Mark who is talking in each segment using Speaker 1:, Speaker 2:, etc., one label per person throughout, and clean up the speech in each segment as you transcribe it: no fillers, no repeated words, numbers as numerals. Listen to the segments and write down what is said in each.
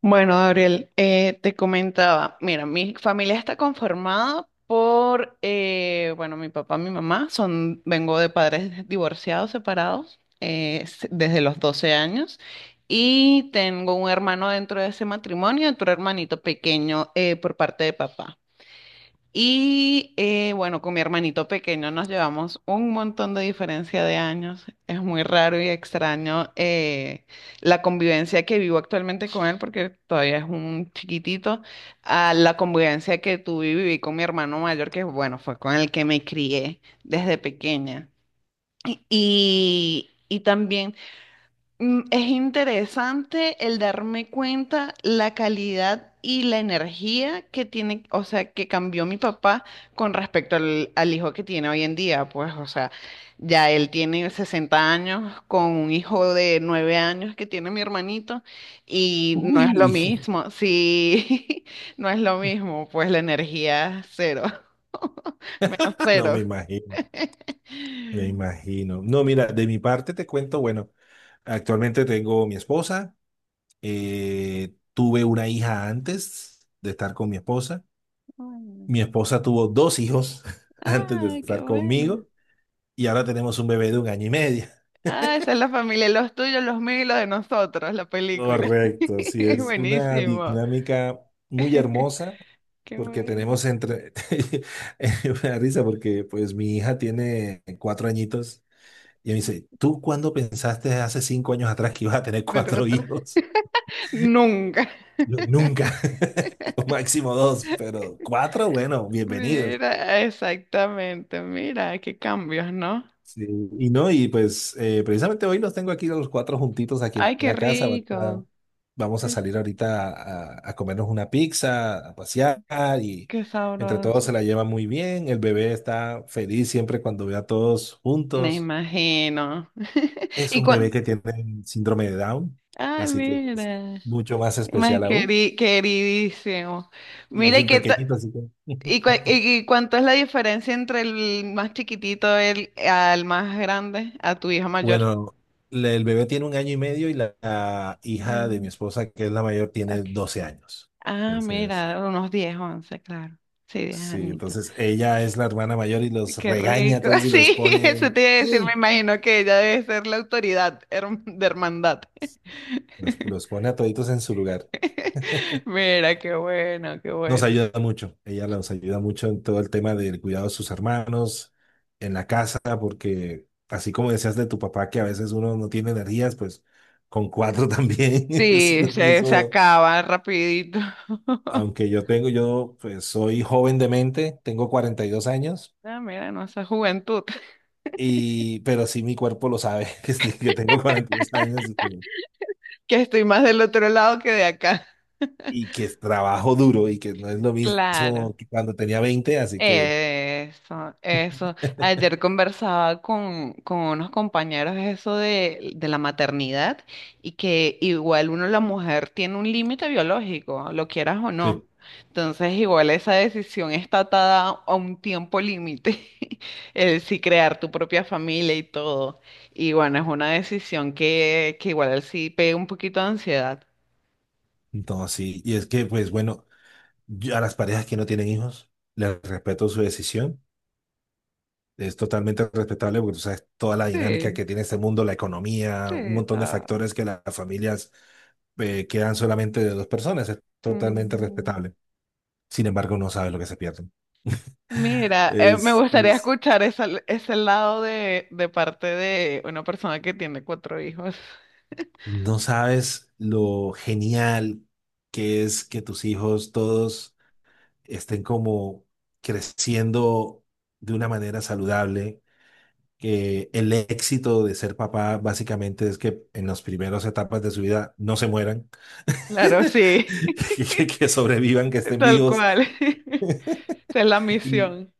Speaker 1: Bueno, Gabriel, te comentaba, mira, mi familia está conformada por, bueno, mi papá, mi mamá, son, vengo de padres divorciados, separados, desde los 12 años, y tengo un hermano dentro de ese matrimonio, otro hermanito pequeño por parte de papá. Y bueno, con mi hermanito pequeño nos llevamos un montón de diferencia de años. Es muy raro y extraño la convivencia que vivo actualmente con él, porque todavía es un chiquitito, a la convivencia que tuve y viví con mi hermano mayor, que bueno, fue con el que me crié desde pequeña. Y también es interesante el darme cuenta la calidad y la energía que tiene, o sea, que cambió mi papá con respecto al hijo que tiene hoy en día. Pues, o sea, ya él tiene 60 años con un hijo de 9 años que tiene mi hermanito y no es lo
Speaker 2: Uy,
Speaker 1: mismo, sí, no es lo mismo, pues la energía cero, menos
Speaker 2: no
Speaker 1: cero.
Speaker 2: me imagino, me imagino. No, mira, de mi parte te cuento, bueno, actualmente tengo mi esposa, tuve una hija antes de estar con
Speaker 1: Ay,
Speaker 2: mi esposa tuvo dos hijos antes de
Speaker 1: ay, qué
Speaker 2: estar conmigo,
Speaker 1: bueno.
Speaker 2: y ahora tenemos un bebé de un año y medio.
Speaker 1: Ah, esa es la familia, los tuyos, los míos y los de nosotros, la película.
Speaker 2: Correcto, sí,
Speaker 1: Es
Speaker 2: es una
Speaker 1: buenísimo.
Speaker 2: dinámica muy hermosa
Speaker 1: Qué
Speaker 2: porque
Speaker 1: bueno.
Speaker 2: tenemos entre, es una risa porque pues mi hija tiene 4 añitos. Y me dice, ¿tú cuándo pensaste hace 5 años atrás que ibas a tener cuatro
Speaker 1: Nosotros
Speaker 2: hijos?
Speaker 1: nunca.
Speaker 2: Yo, nunca. Yo, máximo dos, pero cuatro, bueno, bienvenidos.
Speaker 1: Mira, exactamente. Mira, qué cambios, ¿no?
Speaker 2: Sí, y no, y pues precisamente hoy los tengo aquí los cuatro juntitos aquí en
Speaker 1: Ay, qué
Speaker 2: la casa. Ahorita
Speaker 1: rico.
Speaker 2: vamos a
Speaker 1: Qué
Speaker 2: salir ahorita a comernos una pizza, a pasear, y
Speaker 1: qué
Speaker 2: entre
Speaker 1: sabroso.
Speaker 2: todos se la lleva muy bien. El bebé está feliz siempre cuando ve a todos
Speaker 1: Me
Speaker 2: juntos.
Speaker 1: imagino.
Speaker 2: Es
Speaker 1: Y
Speaker 2: un bebé
Speaker 1: cuan-
Speaker 2: que tiene síndrome de Down,
Speaker 1: Ay,
Speaker 2: así que es
Speaker 1: mira.
Speaker 2: mucho más
Speaker 1: Más
Speaker 2: especial aún.
Speaker 1: queridísimo.
Speaker 2: Y
Speaker 1: Mira,
Speaker 2: es
Speaker 1: y
Speaker 2: el
Speaker 1: qué, ta-
Speaker 2: pequeñito, así que...
Speaker 1: ¿Y, cuánto es la diferencia entre el más chiquitito el, al más grande, a tu hija mayor?
Speaker 2: Bueno, el bebé tiene un año y medio, y la hija de mi
Speaker 1: Gran-
Speaker 2: esposa, que es la mayor, tiene
Speaker 1: ok.
Speaker 2: 12 años.
Speaker 1: Ah,
Speaker 2: Entonces,
Speaker 1: mira, unos 10 11 claro. Sí, 10
Speaker 2: sí,
Speaker 1: añitos.
Speaker 2: entonces ella es la hermana mayor y los
Speaker 1: Qué
Speaker 2: regaña a
Speaker 1: rico.
Speaker 2: todos y los
Speaker 1: Sí, eso
Speaker 2: pone,
Speaker 1: te iba a decir, me
Speaker 2: ¡sí!,
Speaker 1: imagino que ella debe ser la autoridad de hermandad.
Speaker 2: los, los pone a toditos en su lugar.
Speaker 1: Mira, qué bueno, qué
Speaker 2: Nos
Speaker 1: bueno.
Speaker 2: ayuda mucho, ella nos ayuda mucho en todo el tema del cuidado de sus hermanos, en la casa, porque así como decías de tu papá, que a veces uno no tiene energías, pues con cuatro también es
Speaker 1: Sí,
Speaker 2: lo
Speaker 1: se
Speaker 2: mismo.
Speaker 1: acaba rapidito.
Speaker 2: Aunque yo tengo, yo pues soy joven de mente, tengo 42 años,
Speaker 1: Ah, mira, no, esa juventud,
Speaker 2: y, pero sí mi cuerpo lo sabe, que, sí, que tengo 42 años
Speaker 1: que estoy más del otro lado que de acá.
Speaker 2: y que trabajo duro y que no es lo
Speaker 1: Claro,
Speaker 2: mismo que cuando tenía 20, así que...
Speaker 1: eso, eso. Ayer conversaba con unos compañeros eso de la maternidad y que igual uno, la mujer, tiene un límite biológico, lo quieras o no.
Speaker 2: Sí.
Speaker 1: Entonces, igual esa decisión está atada a un tiempo límite, el si crear tu propia familia y todo. Y bueno, es una decisión que igual sí pega un poquito de ansiedad.
Speaker 2: No, sí, y es que, pues bueno, yo a las parejas que no tienen hijos, les respeto su decisión. Es totalmente respetable porque tú sabes toda la dinámica
Speaker 1: Sí,
Speaker 2: que tiene este mundo, la
Speaker 1: sí,
Speaker 2: economía, un montón de
Speaker 1: está.
Speaker 2: factores, que las familias quedan solamente de dos personas. Es totalmente respetable. Sin embargo, no sabes lo que se pierden.
Speaker 1: Mira, me
Speaker 2: Es,
Speaker 1: gustaría
Speaker 2: es...
Speaker 1: escuchar ese lado de, parte de una persona que tiene cuatro hijos.
Speaker 2: No sabes lo genial que es que tus hijos todos estén como creciendo de una manera saludable, que el éxito de ser papá básicamente es que en las primeras etapas de su vida no se mueran,
Speaker 1: Claro, sí,
Speaker 2: que, que sobrevivan, que estén
Speaker 1: tal. Sí,
Speaker 2: vivos,
Speaker 1: cual. Esa es la
Speaker 2: y,
Speaker 1: misión,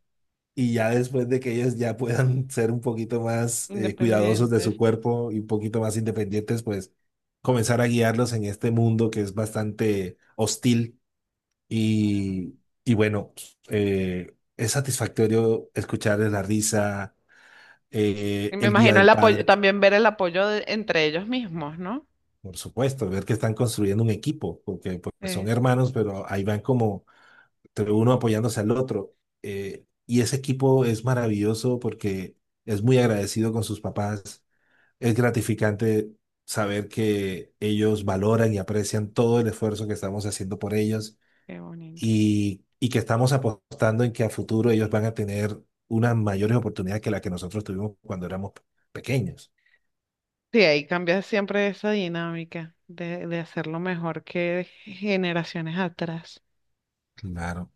Speaker 2: y ya después de que ellos ya puedan ser un poquito más cuidadosos de su
Speaker 1: independientes.
Speaker 2: cuerpo y un poquito más independientes, pues comenzar a guiarlos en este mundo que es bastante hostil, y, y bueno, es satisfactorio escucharles la risa.
Speaker 1: Y
Speaker 2: eh,
Speaker 1: me
Speaker 2: el Día
Speaker 1: imagino el
Speaker 2: del
Speaker 1: apoyo,
Speaker 2: Padre.
Speaker 1: también ver el apoyo entre ellos mismos, ¿no?
Speaker 2: Por supuesto, ver que están construyendo un equipo, porque son
Speaker 1: Eh,
Speaker 2: hermanos, pero ahí van como entre uno apoyándose al otro. Y ese equipo es maravilloso porque es muy agradecido con sus papás. Es gratificante saber que ellos valoran y aprecian todo el esfuerzo que estamos haciendo por ellos,
Speaker 1: Qué bonito.
Speaker 2: y que estamos apostando en que a futuro ellos van a tener unas mayores oportunidades que las que nosotros tuvimos cuando éramos pequeños.
Speaker 1: Sí, ahí cambia siempre esa dinámica de hacerlo mejor que generaciones atrás.
Speaker 2: Claro.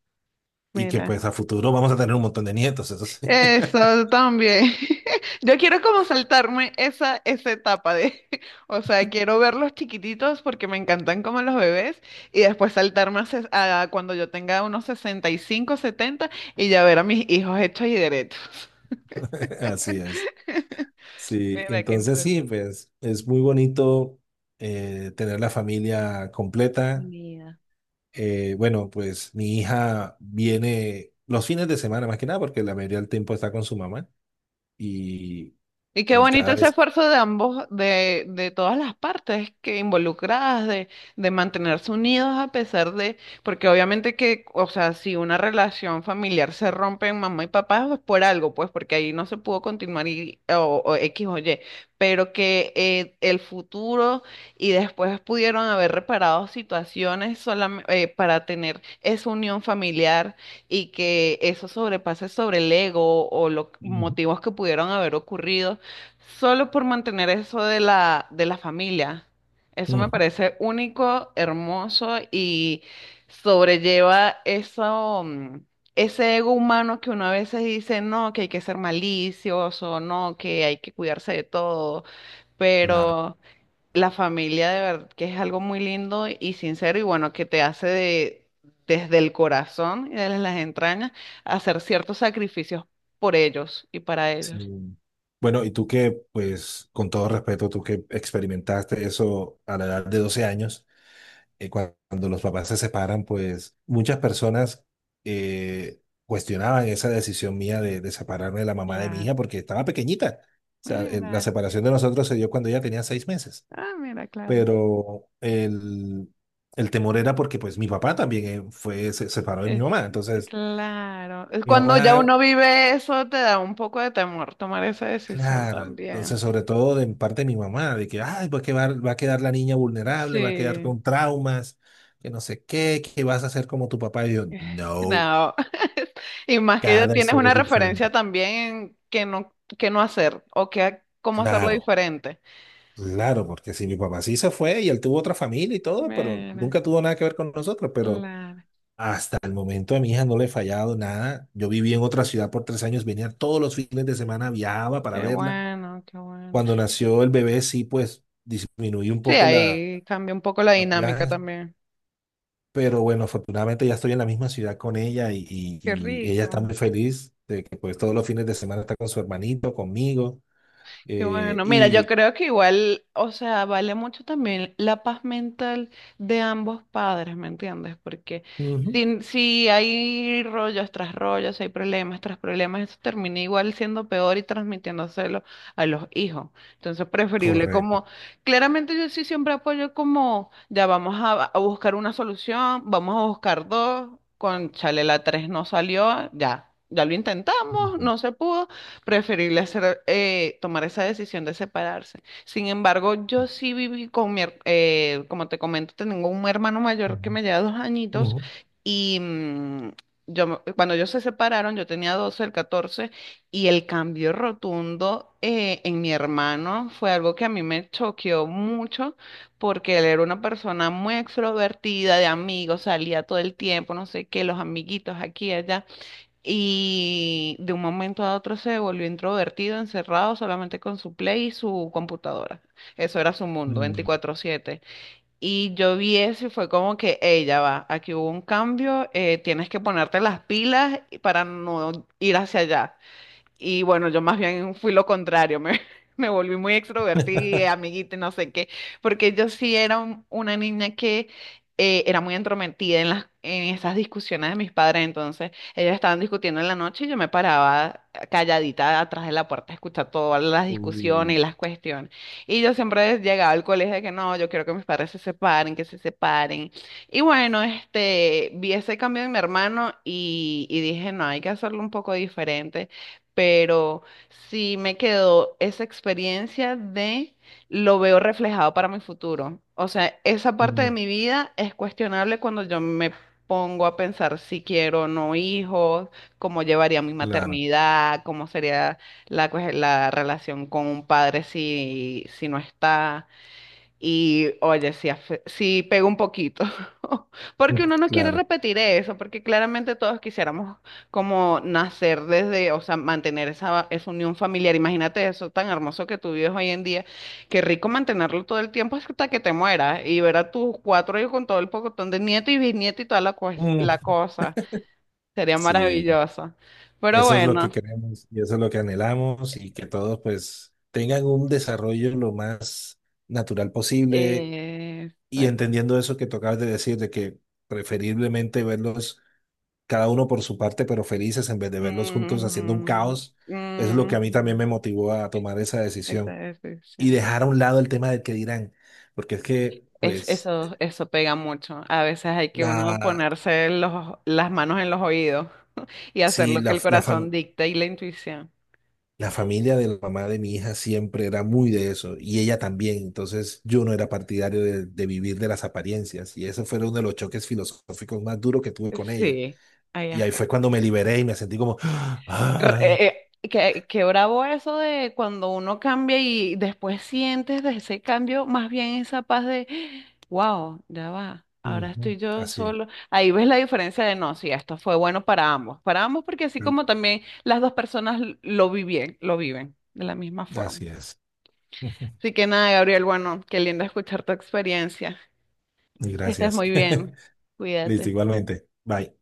Speaker 2: Y que
Speaker 1: Mira.
Speaker 2: pues a futuro vamos a tener un montón de nietos, eso sí.
Speaker 1: Eso también. Yo quiero como saltarme esa etapa de, o sea, quiero verlos chiquititos porque me encantan como los bebés y después saltarme a cuando yo tenga unos 65 70 y ya ver a mis hijos hechos y derechos.
Speaker 2: Así es. Sí,
Speaker 1: Mira, qué
Speaker 2: entonces sí, pues es muy bonito tener la familia completa.
Speaker 1: interesante.
Speaker 2: Bueno, pues mi hija viene los fines de semana más que nada porque la mayoría del tiempo está con su mamá, y,
Speaker 1: Y qué
Speaker 2: y
Speaker 1: bonito
Speaker 2: cada
Speaker 1: ese
Speaker 2: vez...
Speaker 1: esfuerzo de ambos, de todas las partes que involucradas, de mantenerse unidos a pesar de, porque obviamente que, o sea, si una relación familiar se rompe en mamá y papá, pues por algo, pues porque ahí no se pudo continuar y, o X o Y, pero que el futuro y después pudieron haber reparado situaciones para tener esa unión familiar y que eso sobrepase sobre el ego o los
Speaker 2: Ujú,
Speaker 1: motivos que pudieron haber ocurrido solo por mantener eso de la familia. Eso me
Speaker 2: ujú,
Speaker 1: parece único, hermoso y sobrelleva eso, ese ego humano que uno a veces dice, no, que hay que ser malicioso, no, que hay que cuidarse de todo.
Speaker 2: claro.
Speaker 1: Pero la familia de verdad que es algo muy lindo y sincero y bueno, que te hace de, desde el corazón y desde las entrañas hacer ciertos sacrificios por ellos y para
Speaker 2: Sí.
Speaker 1: ellos.
Speaker 2: Bueno, y tú que, pues con todo respeto, tú que experimentaste eso a la edad de 12 años. Cuando los papás se separan, pues muchas personas cuestionaban esa decisión mía de separarme de la mamá de mi
Speaker 1: Claro.
Speaker 2: hija porque estaba pequeñita. O sea, la
Speaker 1: Mira.
Speaker 2: separación de nosotros se dio cuando ella tenía 6 meses,
Speaker 1: Ah, mira, claro.
Speaker 2: pero el temor era porque pues mi papá también fue, se separó de mi
Speaker 1: Es
Speaker 2: mamá. Entonces,
Speaker 1: claro. Es
Speaker 2: mi
Speaker 1: Cuando ya
Speaker 2: mamá,
Speaker 1: uno vive eso, te da un poco de temor tomar esa decisión
Speaker 2: claro,
Speaker 1: también.
Speaker 2: entonces sobre todo de parte de mi mamá, de que, ay, pues que va, va a quedar la niña vulnerable, va a quedar
Speaker 1: Sí.
Speaker 2: con traumas, que no sé qué, que vas a hacer como tu papá. Y yo, no.
Speaker 1: No. Y más que ya
Speaker 2: Cada
Speaker 1: tienes
Speaker 2: historia
Speaker 1: una
Speaker 2: es diferente.
Speaker 1: referencia también en que no hacer o que cómo hacerlo
Speaker 2: Claro,
Speaker 1: diferente.
Speaker 2: claro, porque si mi papá sí se fue y él tuvo otra familia y todo, pero
Speaker 1: Mira,
Speaker 2: nunca tuvo nada que ver con nosotros, pero
Speaker 1: claro.
Speaker 2: hasta el momento a mi hija no le he fallado nada. Yo viví en otra ciudad por 3 años, venía todos los fines de semana, viajaba para
Speaker 1: Qué
Speaker 2: verla.
Speaker 1: bueno, qué bueno.
Speaker 2: Cuando nació el bebé sí, pues disminuí un
Speaker 1: Sí,
Speaker 2: poco la,
Speaker 1: ahí cambia un poco la
Speaker 2: los
Speaker 1: dinámica
Speaker 2: viajes,
Speaker 1: también.
Speaker 2: pero bueno, afortunadamente ya estoy en la misma ciudad con ella, y, y-
Speaker 1: Qué
Speaker 2: y ella está
Speaker 1: rico.
Speaker 2: muy feliz de que pues todos los fines de semana está con su hermanito, conmigo,
Speaker 1: Qué
Speaker 2: eh,
Speaker 1: bueno, mira, yo
Speaker 2: y...
Speaker 1: creo que igual, o sea, vale mucho también la paz mental de ambos padres, ¿me entiendes? Porque
Speaker 2: ujú.
Speaker 1: si hay rollos tras rollos, si hay problemas tras problemas, eso termina igual siendo peor y transmitiéndoselo a los hijos. Entonces, preferible
Speaker 2: Correcto.
Speaker 1: como, claramente yo sí siempre apoyo como, ya vamos a buscar una solución, vamos a buscar dos, con chale la tres no salió, ya. Ya lo intentamos,
Speaker 2: Ujú,
Speaker 1: no se pudo, preferible hacer, tomar esa decisión de separarse. Sin embargo, yo sí viví con como te comento, tengo un hermano mayor que
Speaker 2: ujú,
Speaker 1: me lleva 2 añitos
Speaker 2: ujú,
Speaker 1: y cuando ellos se separaron, yo tenía 12, el 14 y el cambio rotundo en mi hermano fue algo que a mí me choqueó mucho porque él era una persona muy extrovertida, de amigos, salía todo el tiempo, no sé qué, los amiguitos aquí, allá y de un momento a otro se volvió introvertido, encerrado solamente con su Play y su computadora. Eso era su mundo,
Speaker 2: mm.
Speaker 1: 24/7. Y yo vi eso y fue como que, ella va, aquí hubo un cambio, tienes que ponerte las pilas para no ir hacia allá. Y bueno, yo más bien fui lo contrario, me, me volví muy extrovertida, amiguita, y no sé qué, porque yo sí era una niña que era muy entrometida en en esas discusiones de mis padres, entonces ellos estaban discutiendo en la noche y yo me paraba calladita atrás de la puerta a escuchar todas las
Speaker 2: Uh,
Speaker 1: discusiones y las cuestiones. Y yo siempre llegaba al colegio de que no, yo quiero que mis padres se separen, que se separen. Y bueno, este, vi ese cambio en mi hermano y dije, no, hay que hacerlo un poco diferente pero sí me quedó esa experiencia de lo veo reflejado para mi futuro. O sea, esa parte
Speaker 2: mm,
Speaker 1: de mi vida es cuestionable cuando yo me pongo a pensar si quiero o no hijos, cómo llevaría mi
Speaker 2: claro,
Speaker 1: maternidad, cómo sería la, la relación con un padre si no está. Y oye, sí, sí pega un poquito,
Speaker 2: mm,
Speaker 1: porque uno no quiere
Speaker 2: claro.
Speaker 1: repetir eso, porque claramente todos quisiéramos como nacer desde, o sea, mantener esa unión familiar. Imagínate eso tan hermoso que tú vives hoy en día. Qué rico mantenerlo todo el tiempo hasta que te mueras y ver a tus cuatro hijos con todo el pocotón de nieto y bisnieto y toda la, la
Speaker 2: Mm,
Speaker 1: cosa. Sería
Speaker 2: sí,
Speaker 1: maravilloso. Pero
Speaker 2: eso es lo
Speaker 1: bueno,
Speaker 2: que queremos y eso es lo que anhelamos, y que todos pues tengan un desarrollo lo más natural posible,
Speaker 1: eh,
Speaker 2: y
Speaker 1: exact-
Speaker 2: entendiendo eso que tocabas de decir, de que preferiblemente verlos cada uno por su parte, pero felices, en vez de verlos juntos haciendo un
Speaker 1: ujú,
Speaker 2: caos, es lo que a mí también me
Speaker 1: ujú,
Speaker 2: motivó a tomar esa
Speaker 1: esa
Speaker 2: decisión.
Speaker 1: es la
Speaker 2: Y
Speaker 1: decisión.
Speaker 2: dejar a un lado el tema del que dirán, porque es que,
Speaker 1: Es,
Speaker 2: pues,
Speaker 1: eso pega mucho. A veces hay que uno
Speaker 2: la,
Speaker 1: ponerse los, las manos en los oídos y hacer
Speaker 2: sí,
Speaker 1: lo que
Speaker 2: la,
Speaker 1: el
Speaker 2: la,
Speaker 1: corazón
Speaker 2: fam-
Speaker 1: dicta y la intuición.
Speaker 2: la familia de la mamá de mi hija siempre era muy de eso, y ella también, entonces yo no era partidario de vivir de las apariencias, y ese fue uno de los choques filosóficos más duros que tuve con ella,
Speaker 1: Sí, ahí
Speaker 2: y ahí
Speaker 1: está.
Speaker 2: fue cuando me liberé y me sentí como,
Speaker 1: Re-
Speaker 2: ay,
Speaker 1: eh, eh, qué bravo eso de cuando uno cambia y después sientes de ese cambio más bien esa paz de, wow, ya va, ahora
Speaker 2: ujú.
Speaker 1: estoy yo
Speaker 2: Así,
Speaker 1: solo. Ahí ves la diferencia de no, si esto fue bueno para ambos porque así como también las dos personas lo viven de la misma forma.
Speaker 2: así es.
Speaker 1: Así que nada, Gabriel, bueno, qué lindo escuchar tu experiencia.
Speaker 2: Y
Speaker 1: Estás
Speaker 2: gracias.
Speaker 1: muy bien.
Speaker 2: Listo,
Speaker 1: Cuídate.
Speaker 2: igualmente. Bye.